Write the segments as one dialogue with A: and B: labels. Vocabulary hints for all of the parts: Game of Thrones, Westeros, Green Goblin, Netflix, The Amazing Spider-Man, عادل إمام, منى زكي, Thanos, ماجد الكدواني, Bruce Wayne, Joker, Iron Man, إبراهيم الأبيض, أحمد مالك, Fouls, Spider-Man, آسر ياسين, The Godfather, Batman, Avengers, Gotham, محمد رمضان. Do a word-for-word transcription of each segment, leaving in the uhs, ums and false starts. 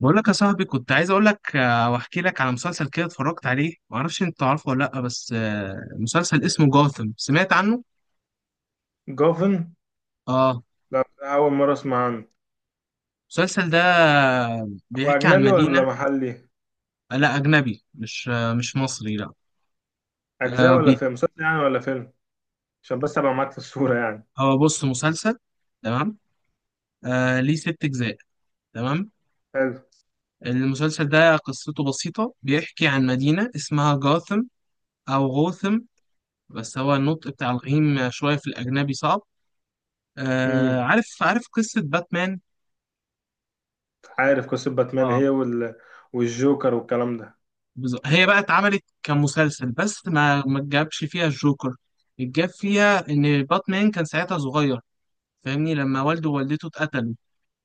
A: بقول لك يا صاحبي كنت عايز اقول لك آه، واحكي لك على مسلسل كده اتفرجت عليه ما اعرفش انت عارفه ولا لا بس آه، مسلسل اسمه جوثم سمعت عنه.
B: جوفن.
A: اه
B: لا، أول مرة أسمع عنه.
A: المسلسل ده
B: هو
A: بيحكي عن
B: أجنبي ولا
A: مدينة.
B: محلي؟
A: آه، لا اجنبي مش آه، مش مصري لا.
B: أجزاء
A: آه،
B: ولا
A: بي-
B: فيلم؟ مسلسل يعني ولا فيلم؟ عشان بس أبقى معاك في الصورة يعني.
A: هو بص مسلسل. تمام. آه، ليه ست اجزاء. تمام.
B: حلو.
A: المسلسل ده قصته بسيطة بيحكي عن مدينة اسمها جوثم او غوثم، بس هو النطق بتاع الغيم شوية في الاجنبي صعب. آه،
B: امم.
A: عارف عارف قصة باتمان.
B: عارف قصة باتمان
A: آه.
B: هي وال... والجوكر والكلام ده.
A: بز- هي بقى اتعملت كمسلسل بس ما ما جابش فيها الجوكر. الجاب فيها ان باتمان كان ساعتها صغير، فاهمني لما والده ووالدته اتقتلوا.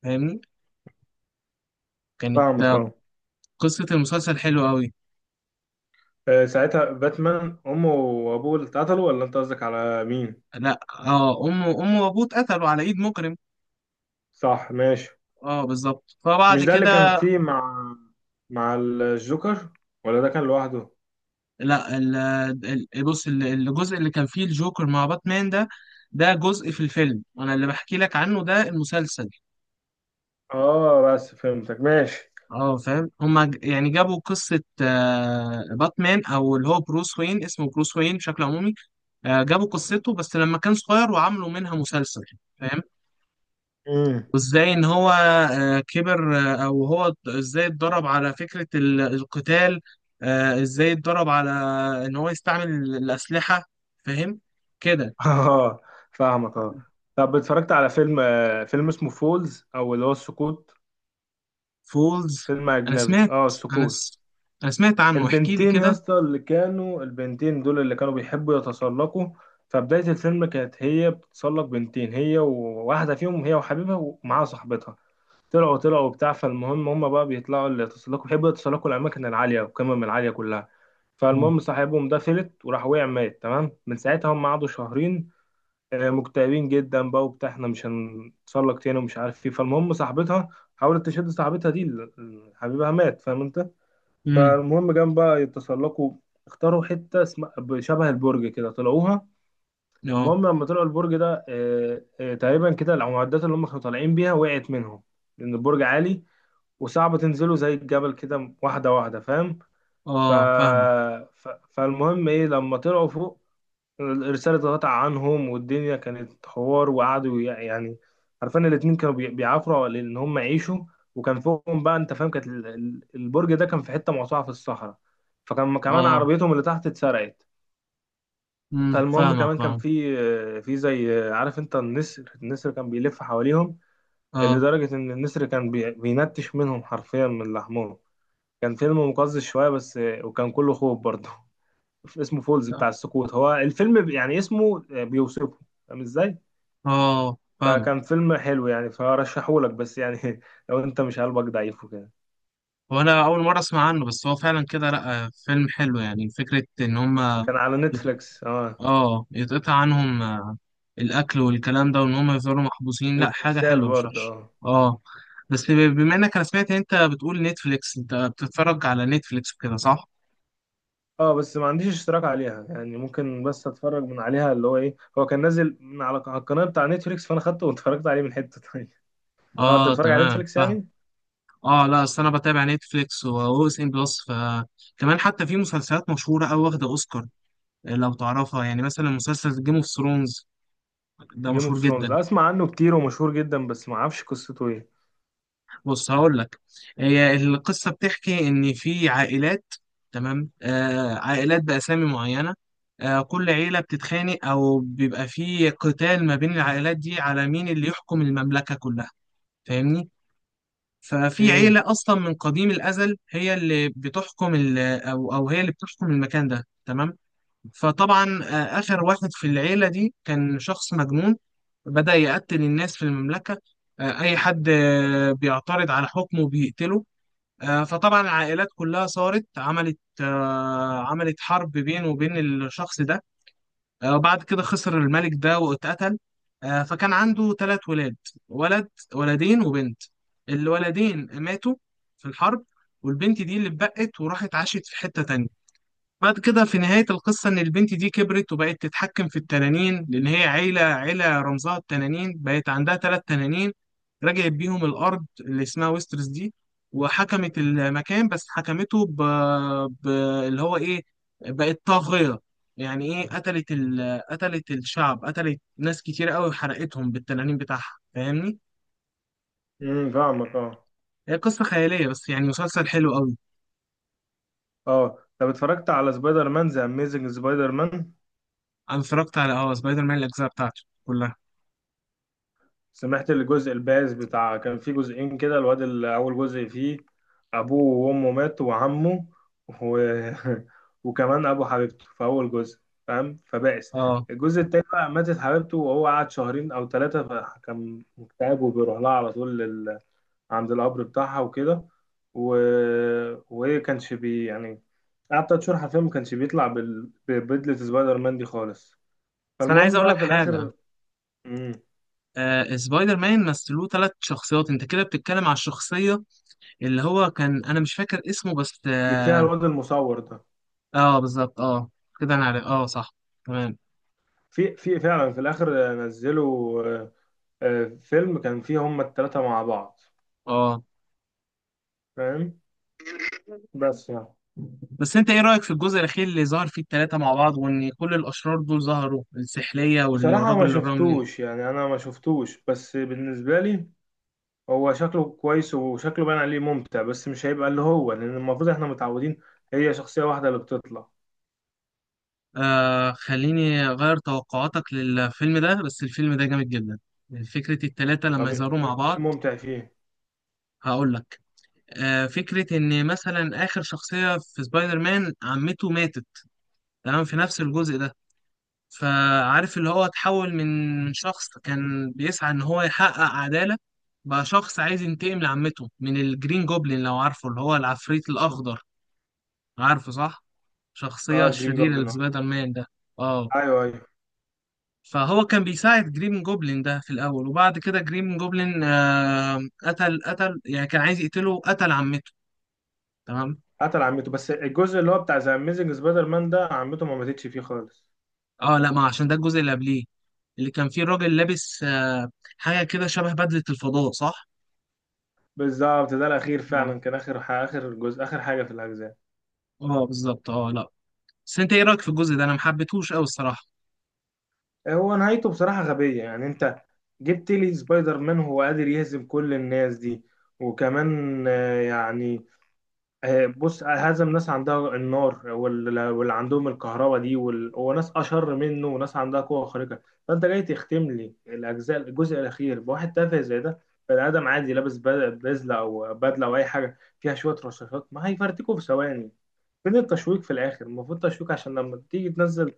A: فاهمني. كانت
B: فاهمك
A: آه،
B: اه.
A: قصة المسلسل حلوة قوي.
B: آه، ساعتها باتمان أمه وأبوه اللي اتقتلوا، ولا أنت قصدك على مين؟
A: لا اه امه امه وابوه اتقتلوا على ايد مجرم.
B: صح، ماشي.
A: اه بالظبط، فبعد
B: مش ده اللي كان
A: كده.
B: فيه مع مع الجوكر، ولا ده كان لوحده؟
A: لا ال- ال- بص ال- الجزء اللي كان فيه الجوكر مع باتمان ده، ده جزء في الفيلم، انا اللي بحكي لك عنه ده المسلسل.
B: اه بس فهمتك ماشي.
A: اه فاهم، هما ج- يعني جابوا قصة آه، باتمان او اللي هو بروس وين، اسمه بروس وين بشكل عمومي. آه، جابوا قصته بس لما كان صغير وعملوا منها مسلسل. فاهم.
B: مم.
A: وازاي ان هو آه، كبر، آه، او هو ات- ازاي اتدرب على فكرة ال- القتال، آه، ازاي اتدرب على ان هو يستعمل ال- الأسلحة، فاهم كده.
B: اه فاهمك اه. طب اتفرجت على فيلم آه، فيلم اسمه فولز او اللي هو السقوط؟
A: فولز.
B: فيلم
A: انا
B: اجنبي
A: سمعت.
B: اه
A: انا
B: السقوط.
A: س... انا سمعت عنه، احكي لي
B: البنتين يا
A: كده.
B: اسطى اللي كانوا البنتين دول اللي كانوا بيحبوا يتسلقوا. فبداية الفيلم كانت هي بتتسلق، بنتين، هي وواحدة فيهم، هي وحبيبها ومعاها صاحبتها. طلعوا طلعوا بتاع، فالمهم هم بقى بيطلعوا اللي يتسلقوا بيحبوا يتسلقوا الأماكن العالية والقمم العالية كلها.
A: مم.
B: فالمهم صاحبهم ده فلت وراح وقع مات، تمام. من ساعتها هم قعدوا شهرين آه، مكتئبين جدا بقى وبتاع احنا مش هنتسلق تاني ومش عارف ايه. فالمهم صاحبتها حاولت تشد صاحبتها دي ال- ال- حبيبها مات، فاهم انت.
A: امم.
B: فالمهم جم بقى يتسلقوا، اختاروا حتة اسمها، شبه البرج كده، طلعوها.
A: اه.
B: المهم لما طلعوا البرج ده آه، آه، تقريبا كده المعدات اللي هم كانوا طالعين بيها وقعت منهم، لأن البرج عالي وصعب تنزله زي الجبل كده واحدة واحدة، فاهم. ف...
A: اه فاهمة
B: ف... فالمهم ايه لما طلعوا فوق، الرسالة اتقطع عنهم والدنيا كانت حوار، وقعدوا يع- يعني عارفين الاتنين كانوا بي- بيعافروا على ان هم يعيشوا. وكان فوقهم بقى، انت فاهم، كانت ال- ال- البرج ده كان في حتة موسوعة في الصحراء. فكان كمان
A: اه.
B: عربيتهم اللي تحت اتسرقت.
A: امم
B: فالمهم كمان
A: فاهمك
B: كان
A: اه.
B: في في زي، عارف انت، النسر، النسر كان بيلف حواليهم،
A: اه.
B: لدرجة ان النسر كان بي- بينتش منهم حرفيا من لحمهم. كان فيلم مقزز شوية بس، وكان كله خوف برضه. اسمه فولز
A: لا.
B: بتاع السقوط، هو الفيلم ب- يعني اسمه آه، بيوصفه، فاهم ازاي.
A: اه فاهمك.
B: فكان فيلم حلو يعني، فرشحهولك، بس يعني لو انت مش قلبك ضعيف وكده.
A: هو انا اول مره اسمع عنه، بس هو فعلا كده لا، آه، فيلم حلو يعني، فكره ان هم
B: كان على
A: يت...
B: نتفليكس اه.
A: اه يتقطع عنهم آه، الاكل والكلام ده وان هم يفضلوا محبوسين، لا حاجه
B: والارسال
A: حلوه مش
B: برضه
A: وحشه.
B: اه.
A: اه. بس ب- بما انك، انا سمعت إن انت بتقول نتفليكس، انت بتتفرج على نتفليكس وكده صح؟
B: اه بس ما عنديش اشتراك عليها، يعني ممكن بس اتفرج من عليها، اللي هو ايه، هو كان نازل من على على القناه بتاع نتفليكس، فانا خدته واتفرجت عليه من حته تانية اه انت
A: اه
B: بتتفرج على
A: تمام
B: نتفليكس
A: فاهم.
B: يعني.
A: اه لا اصل انا بتابع نتفليكس واو اس ان بلس، فكمان حتى في مسلسلات مشهوره او واخده اوسكار، لو تعرفها يعني مثلا مسلسل جيم اوف ثرونز، ده
B: جيم اوف
A: مشهور
B: ثرونز
A: جدا.
B: اسمع عنه كتير ومشهور جدا، بس ما اعرفش قصته ايه.
A: بص هقول لك، هي القصه بتحكي ان في عائلات، تمام، آه عائلات باسامي معينه، آه كل عيله بتتخانق او بيبقى في قتال ما بين العائلات دي على مين اللي يحكم المملكه كلها، فاهمني. ففي
B: امم.
A: عيله اصلا من قديم الازل هي اللي بتحكم ال- او او هي اللي بتحكم المكان ده، تمام. فطبعا آه، اخر واحد في العيله دي كان شخص مجنون، بدأ يقتل الناس في المملكة، آه، أي حد آه، بيعترض على حكمه بيقتله، آه، فطبعا العائلات كلها صارت عملت آه، عملت حرب بينه وبين الشخص ده، آه، وبعد كده خسر الملك ده واتقتل. آه، فكان عنده ثلاث ولاد، ولد، ولدين وبنت. الولدين ماتوا في الحرب، والبنت دي اللي اتبقت وراحت عاشت في حتة تانية. بعد كده في نهاية القصة إن البنت دي كبرت وبقت تتحكم في التنانين، لأن هي عيلة عيلة رمزها التنانين، بقت عندها ثلاث تنانين، رجعت بيهم الأرض اللي اسمها ويسترس دي، وحكمت المكان بس حكمته ب... ب... اللي هو إيه، بقت طاغية، يعني إيه، قتلت ال... قتلت الشعب، قتلت ناس كتير قوي وحرقتهم بالتنانين بتاعها، فاهمني؟
B: امم فاهمك اه.
A: هي قصة خيالية بس يعني مسلسل حلو قوي.
B: اه طب اتفرجت على سبايدر مان ذا اميزنج سبايدر مان؟
A: أنا اتفرجت على أه سبايدر مان الأجزاء بتاعته كلها.
B: سمعت الجزء البائس بتاع، كان في جزئين كده، الواد اللي اول جزء فيه ابوه وامه ماتوا وعمه و... وكمان ابو حبيبته في اول جزء، فاهم، فبائس.
A: أه.
B: الجزء التاني بقى ماتت حبيبته وهو قعد شهرين او ثلاثة، فكان مكتئب وبيروح لها على طول لل... عند القبر بتاعها وكده و... وهي كانش بي يعني، قعد تلات شهور حرفيا ما كانش بيطلع بال... ببدلة سبايدر مان دي خالص.
A: بس أنا عايز
B: فالمهم
A: أقول لك
B: بقى في
A: حاجة.
B: الاخر. مم.
A: آه، سبايدر مان مثلوه ثلاث شخصيات، انت كده بتتكلم على الشخصية اللي هو كان، انا مش فاكر اسمه بس
B: اللي
A: اه.
B: فيها الواد المصور ده.
A: آه، بالظبط اه، كده انا عارف اه صح. تمام.
B: في في فعلا في الاخر نزلوا آه، آه، فيلم كان فيه هما التلاتة مع بعض،
A: اه
B: فاهم، بس يعني.
A: بس انت ايه رأيك في الجزء الاخير اللي ظهر فيه الثلاثة مع بعض، وان كل الاشرار دول ظهروا، السحلية
B: بصراحة ما
A: والراجل الرملي؟
B: شفتوش، يعني أنا ما شفتوش، بس بالنسبة لي هو شكله كويس وشكله باين عليه ممتع، بس مش هيبقى اللي هو لأن المفروض إحنا متعودين هي شخصية واحدة اللي بتطلع.
A: آه خليني اغير توقعاتك للفيلم ده، بس الفيلم ده جامد جدا، فكرة الثلاثة لما
B: طب إيه
A: يظهروا
B: إيه
A: مع
B: إيه
A: بعض.
B: الممتع فيه؟
A: هقول لك، آه فكرة ان مثلا اخر شخصية في سبايدر مان عمته ماتت، تمام، في نفس الجزء ده، فعارف اللي هو اتحول من شخص كان بيسعى ان هو يحقق عدالة، بقى شخص عايز ينتقم لعمته من الجرين جوبلين، لو عارفه اللي هو العفريت الأخضر، عارفه صح؟
B: آه
A: شخصية
B: الجرين
A: شريرة
B: جوبلين آه.
A: لسبايدر مان ده. اه.
B: أيوه أيوه.
A: فهو كان بيساعد جرين جوبلين ده في الأول، وبعد كده جرين جوبلين آه قتل قتل يعني كان عايز يقتله، قتل عمته، تمام؟
B: قتل عمته، بس الجزء اللي هو بتاع ذا أميزنج سبايدر مان ده عمته ما ماتتش فيه خالص.
A: اه لا ما عشان ده الجزء اللي قبليه، اللي كان فيه الراجل لابس آه حاجة كده شبه بدلة الفضاء، صح؟
B: بالظبط، ده الاخير، فعلا كان اخر ح- اخر جزء، اخر حاجه في الاجزاء.
A: اه بالظبط اه، لا بس انت ايه رايك في الجزء ده، انا ما حبيتهوش قوي الصراحه.
B: آه، هو نهايته بصراحه غبيه، يعني انت جبت لي سبايدر مان هو قادر يهزم كل الناس دي، وكمان آه، يعني آه، بص آه، هزم ناس عندها النار وال- واللي عندهم الكهرباء دي وال- وناس اشر منه وناس عندها قوه خارقه، فانت جاي تختم لي الاجزاء الجزء الاخير بواحد تافه زي ده. بني ادم عادي لابس بد- بزله او بدله او اي حاجه فيها شويه رشاشات، ما هيفرتكوا في ثواني. فين التشويق؟ في الاخر المفروض تشويق عشان لما تيجي تنزل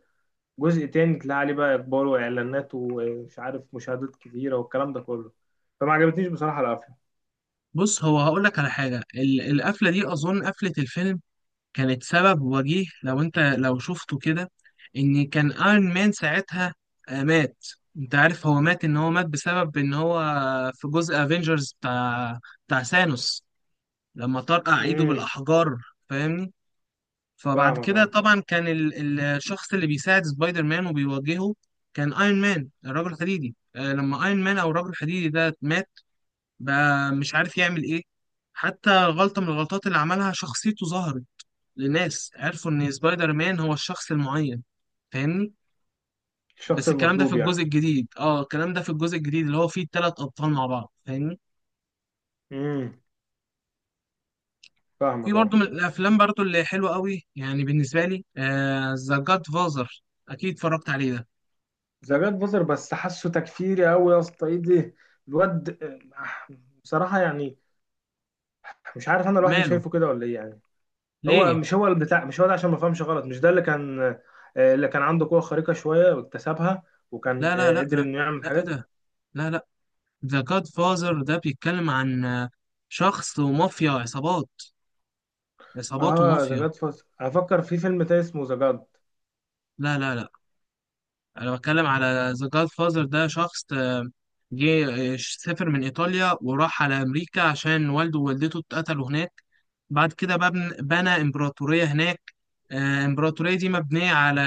B: جزء تاني تلاقي عليه بقى اقبال واعلانات ومش عارف مشاهدات كتيره والكلام ده كله. فما عجبتنيش بصراحه القفله.
A: بص هو هقول لك على حاجه، ال- القفله دي اظن قفله الفيلم كانت سبب وجيه لو انت لو شفته كده، ان كان ايرون مان ساعتها آه، مات. انت عارف هو مات، ان هو مات بسبب ان هو في جزء افنجرز بتاع بتاع ثانوس لما طرقع ايده
B: امم
A: بالاحجار، فاهمني. فبعد
B: فاهمك
A: كده
B: اه.
A: طبعا كان ال- ال- الشخص اللي بيساعد سبايدر مان وبيواجهه كان ايرون مان الرجل الحديدي، آه، لما ايرون مان او الرجل الحديدي ده مات، بقى مش عارف يعمل ايه، حتى غلطة من الغلطات اللي عملها شخصيته ظهرت لناس، عرفوا ان سبايدر مان هو الشخص المعين، فاهمني.
B: الشخص
A: بس الكلام ده في
B: المطلوب يعني.
A: الجزء الجديد، اه الكلام ده في الجزء الجديد اللي هو فيه الثلاث ابطال مع بعض، فاهمني.
B: امم
A: في
B: فاهمك اه.
A: برضه من الافلام برضه اللي حلوه قوي يعني بالنسبه لي ذا آه جاد فازر، اكيد اتفرجت عليه ده.
B: ذا جاد فازر، بس حاسه تكفيري قوي يا اسطى، ايه ده الواد، آه، بصراحه يعني، مش عارف انا لوحدي
A: ماله؟
B: شايفه كده ولا ايه يعني. هو
A: ليه؟
B: مش هو البتاع، مش هو ده عشان ما فهمش غلط، مش ده اللي كان آه، اللي كان عنده قوه خارقه شويه واكتسبها، وكان
A: لا لا
B: آه،
A: لا
B: قدر
A: لا،
B: انه يعمل
A: لا ايه
B: حاجات.
A: ده، لا لا، ذا جاد فازر ده بيتكلم عن آه، شخص ومافيا عصابات، عصابات
B: اه ذا
A: ومافيا.
B: جاد فاس افكر في فيلم تاني اسمه ذا جاد.
A: لا لا لا، انا بتكلم على ذا جاد فازر، ده شخص آه، جه آه، سافر من ايطاليا وراح على امريكا عشان والده ووالدته اتقتلوا هناك، بعد كده بقى بن- بنى امبراطورية هناك، آه، الامبراطورية دي مبنية على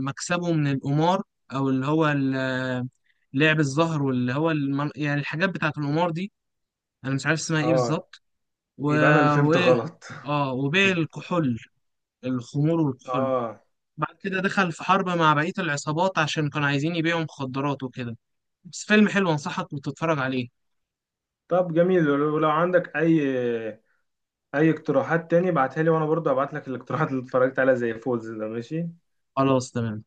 A: مكسبه من القمار، او اللي هو ال- آه، لعب الزهر واللي هو الم- يعني الحاجات بتاعت القمار دي، انا مش عارف اسمها ايه
B: اه
A: بالظبط. و...
B: يبقى انا اللي فهمت
A: وايه،
B: غلط
A: اه وبيع الكحول، الخمور والكحول.
B: اه
A: بعد كده دخل في حرب مع بقية العصابات عشان كانوا عايزين يبيعوا مخدرات وكده، بس فيلم حلو، انصحك وتتفرج عليه.
B: طب جميل. ولو لو عندك اي اي اقتراحات تاني ابعتها لي، وانا برضه هبعت لك الاقتراحات اللي اتفرجت عليها زي فولز ده، ماشي.
A: خلاص تمام.